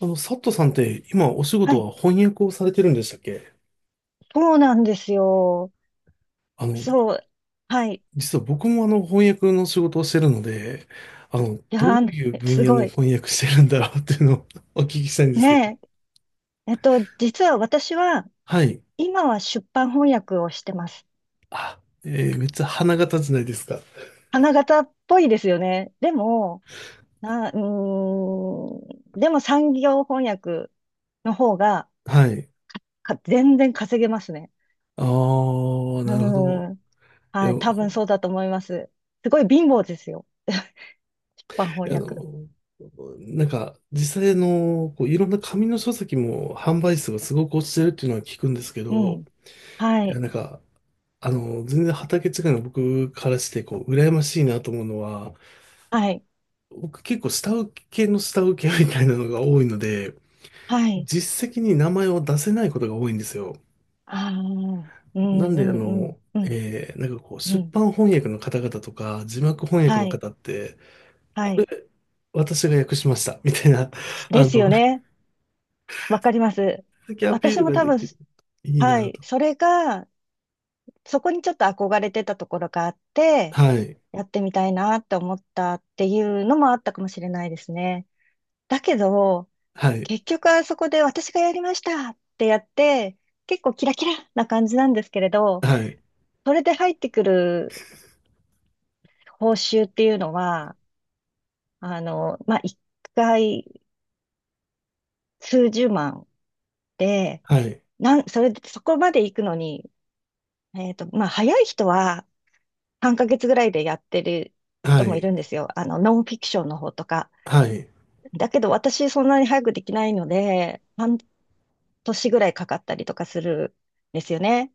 佐藤さんって今お仕は事い。は翻訳をされてるんでしたっけ？そうなんですよ。あの、そう。はい。実は僕も翻訳の仕事をしてるので、いどやー、ういうね分す野ごのい。翻訳してるんだろうっていうのを お聞きしたいんですけど。ねえ。実は私は、はい。今は出版翻訳をしてます。あ、めっちゃ花形じゃないですか。花形っぽいですよね。でも、な、うーん、でも産業翻訳の方が、はい。全然稼げますね。ああ、うなるほど。ーん。いはや、い。多分そうだと思います。すごい貧乏ですよ。出版翻あ訳。の、なんか、実際の、こういろんな紙の書籍も販売数がすごく落ちてるっていうのは聞くんですけうど、ん。はいや、い。なんか、全然畑違いの僕からして、こう、羨ましいなと思うのは、はい。僕結構下請けの下請けみたいなのが多いので、はい。実績に名前を出せないことが多いんですよ。ああ。うんうなんで、んうんうん。なんかこう、う出ん。版翻訳の方々とか、字幕翻訳はのい。方って、はこれ、い。私が訳しました、みたいな、であすの、よね。わかります。先アピー私ルもが多で分、きる。いいはない。と。それが、そこにちょっと憧れてたところがあって、はい、やってみたいなって思ったっていうのもあったかもしれないですね。だけど、はい、結局あそこで私がやりましたってやって、結構キラキラな感じなんですけれど、はい、それで入ってくる報酬っていうのは、まあ、一回数十万で、はい、それそこまで行くのに、まあ、早い人は半ヶ月ぐらいでやってるは人もいい、るんですよ。ノンフィクションの方とか。はい。だけど、私、そんなに早くできないので、半年ぐらいかかったりとかするんですよね。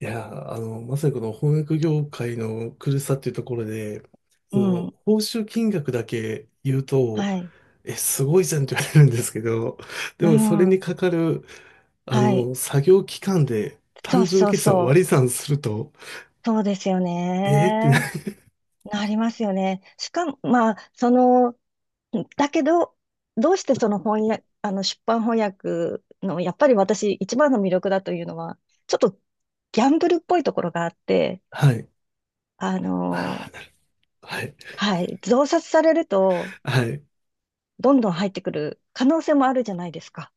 いや、まさにこの翻訳業界の苦しさっていうところで、そうの、ん。報酬金額だけ言うと、はい。え、すごいじゃんって言われるんですけど、でうもそれにん。かかる、はい。作業期間でそ単う純そう計算をそ割う。り算すると、そうですよえーってな、ね。なりますよね。しかも、まあ、その、だけど、どうしてその翻訳、出版翻訳の、やっぱり私一番の魅力だというのは、ちょっとギャンブルっぽいところがあって、はい。ああのあ、なるはい。はい、増刷されると、はい。どんどん入ってくる可能性もあるじゃないですか。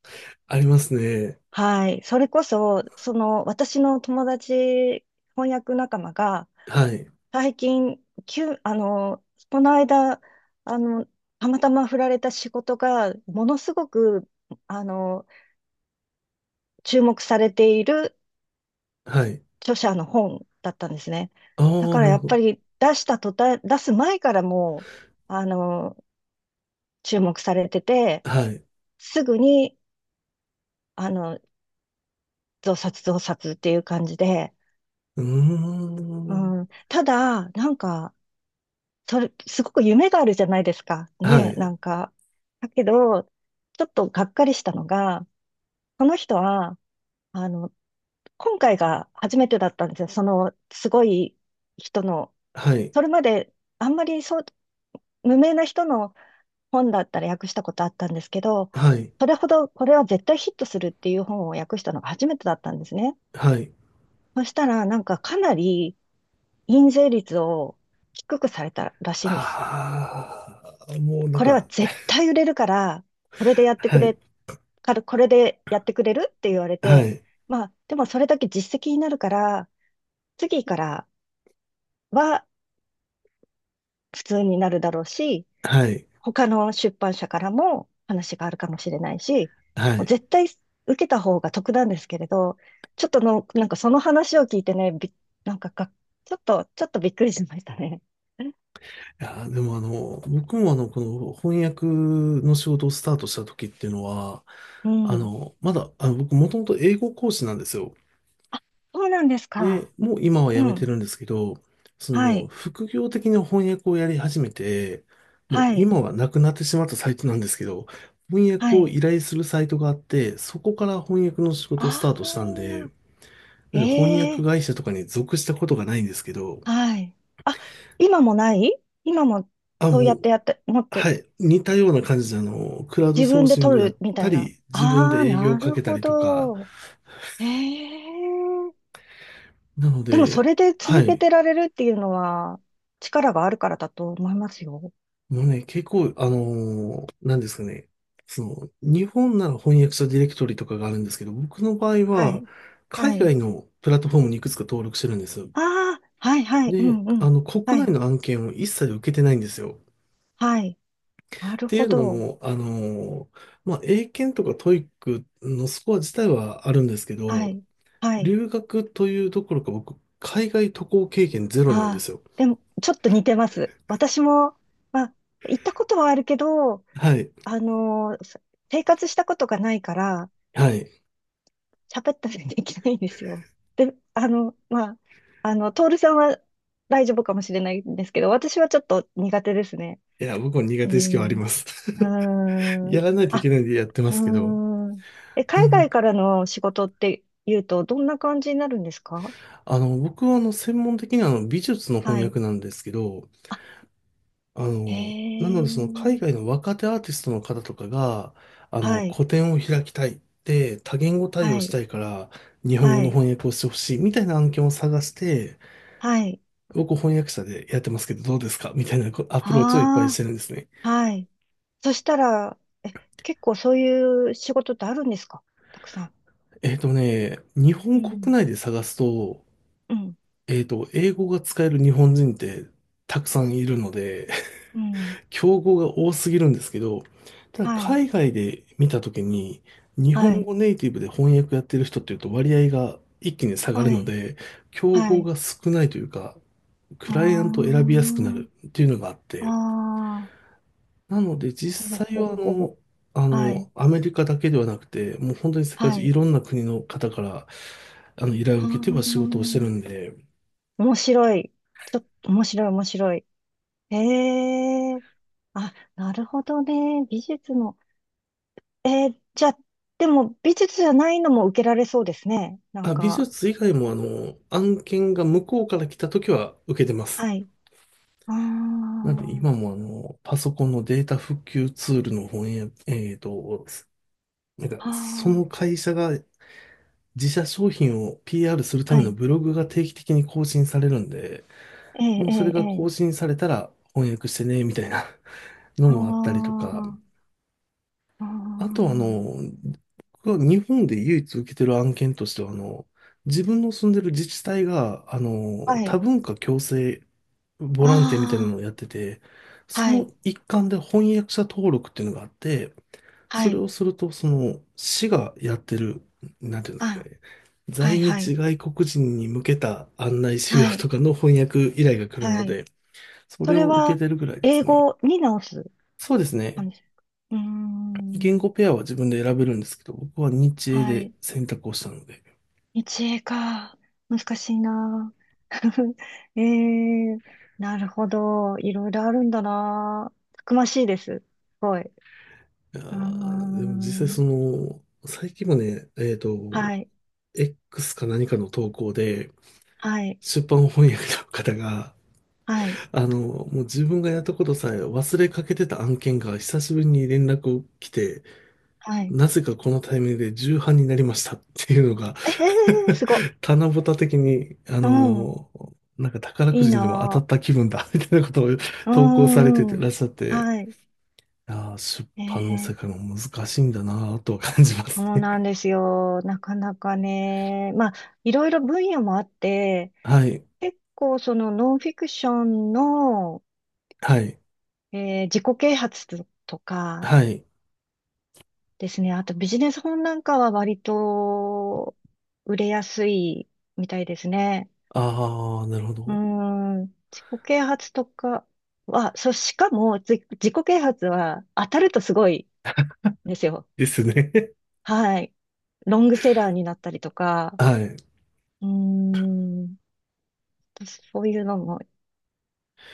ありますね。はい、それこそ、その私の友達、翻訳仲間が、はい。最近、急、あのこの間、あの、たまたま振られた仕事が、ものすごく、あの注目されているはい。著者の本だったんですね。あだあ、かならるやっほぱど。り出した途端、出す前からもう、あの、注目されてて、はい。すぐに、あの、増刷増刷っていう感じで、うーん。うん、ただ、なんか、それ、すごく夢があるじゃないですか。はね、ない。んか。だけど、ちょっとがっかりしたのが、この人は、あの、今回が初めてだったんですよ。その、すごい人の、はい。それまで、あんまりそう、無名な人の本だったら訳したことあったんですけど、はい。それほどこれは絶対ヒットするっていう本を訳したのが初めてだったんですね。はい。そしたらなんかかなり印税率を低くされたらしいんです。ああ、もうなんこれはか、絶対売れるから、これでやってくはい、れ、からこれでやってくれるって言われはて、い、まあでもそれだけ実績になるから、次からは普通になるだろうし、はい、他の出版社からも話があるかもしれないし、はもい。うい絶対受けた方が得なんですけれど、ちょっとの、なんかその話を聞いてね、び、なんかが、ちょっとびっくりしましたね。や、でも僕もこの翻訳の仕事をスタートした時っていうのは、うん。まだ、僕もともと英語講師なんですよ。あ、そうなんですか。で、もう今は辞うめてん。るんですけど、そはの、い。副業的な翻訳をやり始めて、もうはい。今はなくなってしまったサイトなんですけど、翻は訳をい。依頼するサイトがあって、そこから翻訳の仕事をスタートしたんで、ああ、なんで翻え訳え会社とかに属したことがないんですけど、はい。あ、今もない今もあ、そうもやっうてやって、持っはて、い、似たような感じで、クラウド自ソー分でシング取やっるみたたいな。り、自分でああ、営業をなかるけたほりとか、ど。ええなのでもそで、れでは続けい、てられるっていうのは力があるからだと思いますよ。もうね、結構、なんですかね、その、日本なら翻訳者ディレクトリとかがあるんですけど、僕の場合はは、い。海はい。外のプラットフォームにいくつか登録してるんですよ。ああ、はいはい。うで、んうん。国は内い。の案件を一切受けてないんですよ。はい。なっるていほうのど。も、まあ、英検とかトイックのスコア自体はあるんですけはど、い。はい。留学というところか僕、海外渡航経験ゼロなんでああ、すよ。でもちょっと似てます。私も、まあ、行ったことはあるけど、はい。あのーせ生活したことがないから、はい。喋ったりできないんですよ。で、まあ、徹さんは大丈夫かもしれないんですけど、私はちょっと苦手ですね。いや、僕も苦う手意識はあんります。う ーやん。らないといあ、けないんでやってまうすけど。ーん。え、う海ん。外からの仕事って言うと、どんな感じになるんですか？僕は専門的に美術の翻はい。訳なんですけど、あ、あへの、なのでえ。その海外の若手アーティストの方とかが、はい。個展を開きたいって、多言語対応はしい。たいから、日本語はのい。翻訳をしてほしいみたいな案件を探して、はい。僕翻訳者でやってますけどどうですかみたいなこアプローチをいっぱいしあてるんですね。あ、はい。そしたら、え、結構そういう仕事ってあるんですか？たくさん。えっとね、日う本国ん。内で探すと、うん。えっと、英語が使える日本人ってたくさんいるので、うん。競合が多すぎるんですけど、ただはい。海外で見たときに、日は本い。語ネイティブで翻訳やってる人っていうと割合が一気に下がるはのい。で、競は合い。が少ないというか、クあライアントを選びやすくなるあ。っていうのがあっあて、あ。なのでほぼ実際ほはぼほぼ。はい。アメリカだけではなくて、もう本当に世界は中いい。ろんな国の方から、依頼をあ受けては仕事をしてるんあ。で、面白い。ちょっと面白い、面白い。ええーあ、なるほどね。美術の。えー、じゃあ、でも美術じゃないのも受けられそうですね。なんあ、美か、術以外も案件が向こうから来た時は受けてます。はい。あなんで今ーもパソコンのデータ復旧ツールの翻訳、えっと、なんか、あその会社が自社商品を PR するたー、はめのい。ブログが定期的に更新されるんで、ええもうえそれえがえ更え新されたら翻訳してね、みたいな。のあもあったりとか、ーああとー僕が日本で唯一受けてる案件としては、自分の住んでる自治体が、はい。多文化共生ボランティアみたいなのあをやってて、あ、そはい。の一環で翻訳者登録っていうのがあって、そはれい。をすると、その、市がやってる、なんていうんですかあ、ね、は在い、は日い。外国人に向けた案内資料はい。とかの翻訳依頼が来るのはい。で、そそれれを受けは、てるぐらいで英すね。語に直すそうです感ね。じですか？うー言ん。語ペアは自分で選べるんですけど、僕は日英はでい。選択をしたので。一英か。難しいな。ええー、なるほど。いろいろあるんだな。たくましいです。すごい。ういやーーでも実際ん。その、最近もね、えっと、はい。X か何かの投稿で、はい。出版翻訳の方が、はい。もう自分がやったことさえ忘れかけてた案件が久しぶりに連絡を来て、はい。なぜかこのタイミングで重版になりましたっていうのが ええー、すごっ。棚ぼた的に、うん。なんか宝いくいじにでも当たな。った気分だみたいなことをう投稿されてん。てうらっんしゃって、はい。いやー、出版の世え界えも難しいんだなぁとは感じますそうね。なん ですよ。なかなかね。まあ、いろいろ分野もあって、はい、結構そのノンフィクションの、はい、えー自己啓発とかはい。ですね。あとビジネス本なんかは割と売れやすいみたいですね。ああ、なるほうーど。ん、自己啓発とかは、そう、しかも自己啓発は当たるとすごいんですよ。ですね。はい。ロングセラーになったりとか、はい。うーん、そういうのも、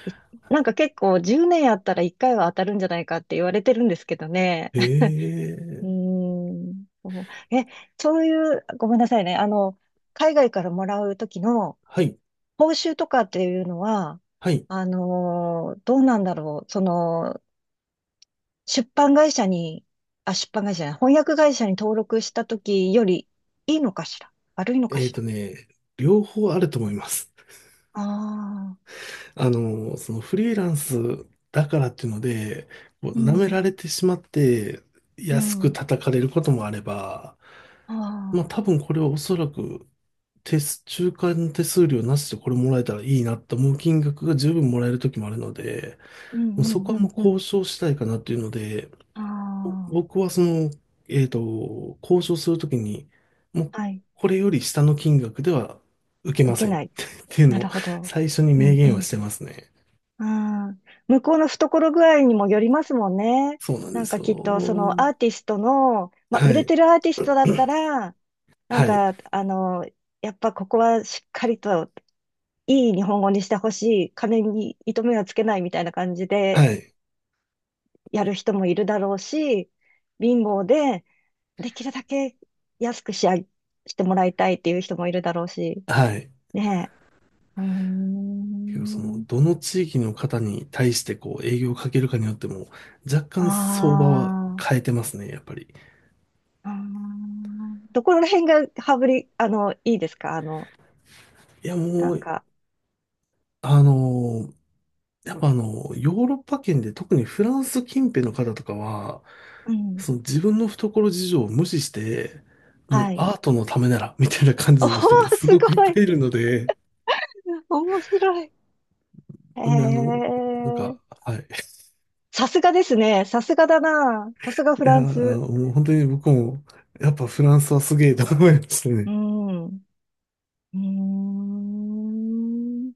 いなんか結構10年やったら1回は当たるんじゃないかって言われてるんですけどね。ええ、うーん。そうえ、そういう、ごめんなさいね。海外からもらうときのはい、報酬とかっていうのは、はい。どうなんだろう。その、出版会社に、あ、出版会社じゃない、翻訳会社に登録したときよりいいのかしら悪いのかえっしとら？ね、両方あると思います。ああ そのフリーランスだからっていうので、こうう舐めん、られてしまってう安くん、叩かれることもあれば、あまああ、多分これはおそらく中間手数料なしでこれもらえたらいいなと思う金額が十分もらえる時もあるので、うん、もううそこん、はうもうん、う交ん。渉したいかなっていうので、あ僕はその、えっと、交渉するときに、もうあ、はい。これより下の金額では受け受まけせん っない。ていうなのるをほど。最初にう明ん、う言はん。してますね。ああ、向こうの懐具合にもよりますもんね。そうなんでなんすかきっとそのよ。アーティストの、まあ、は売れい。てるアーティストだったら、なんはい。かあの、やっぱここはしっかりといい日本語にしてほしい、金に糸目はつけないみたいな感じはでい。やる人もいるだろうし、貧乏でできるだけ安く仕上げしてもらいたいっていう人もいるだろうし、はい。ねえ。うーけど、その、ん。どの地域の方に対してこう営業をかけるかによっても、若干相場はあ変あ。えてますね、やっぱり。あーどこら辺が羽振り、いいですか？いや、なもんう、か。あのーやっぱヨーロッパ圏で特にフランス近辺の方とかは、うん。その自分の懐事情を無視して、もうはい。アートのためなら、みたいな感おじの人がー、すすごくいっごぱい。いいるので、面白い。えなんでなんか、ー、はい。いさすがですね。さすがだな。さすがフやランー、ス。もう本当に僕も、やっぱフランスはすげえと思いましたうね。ん。うーん。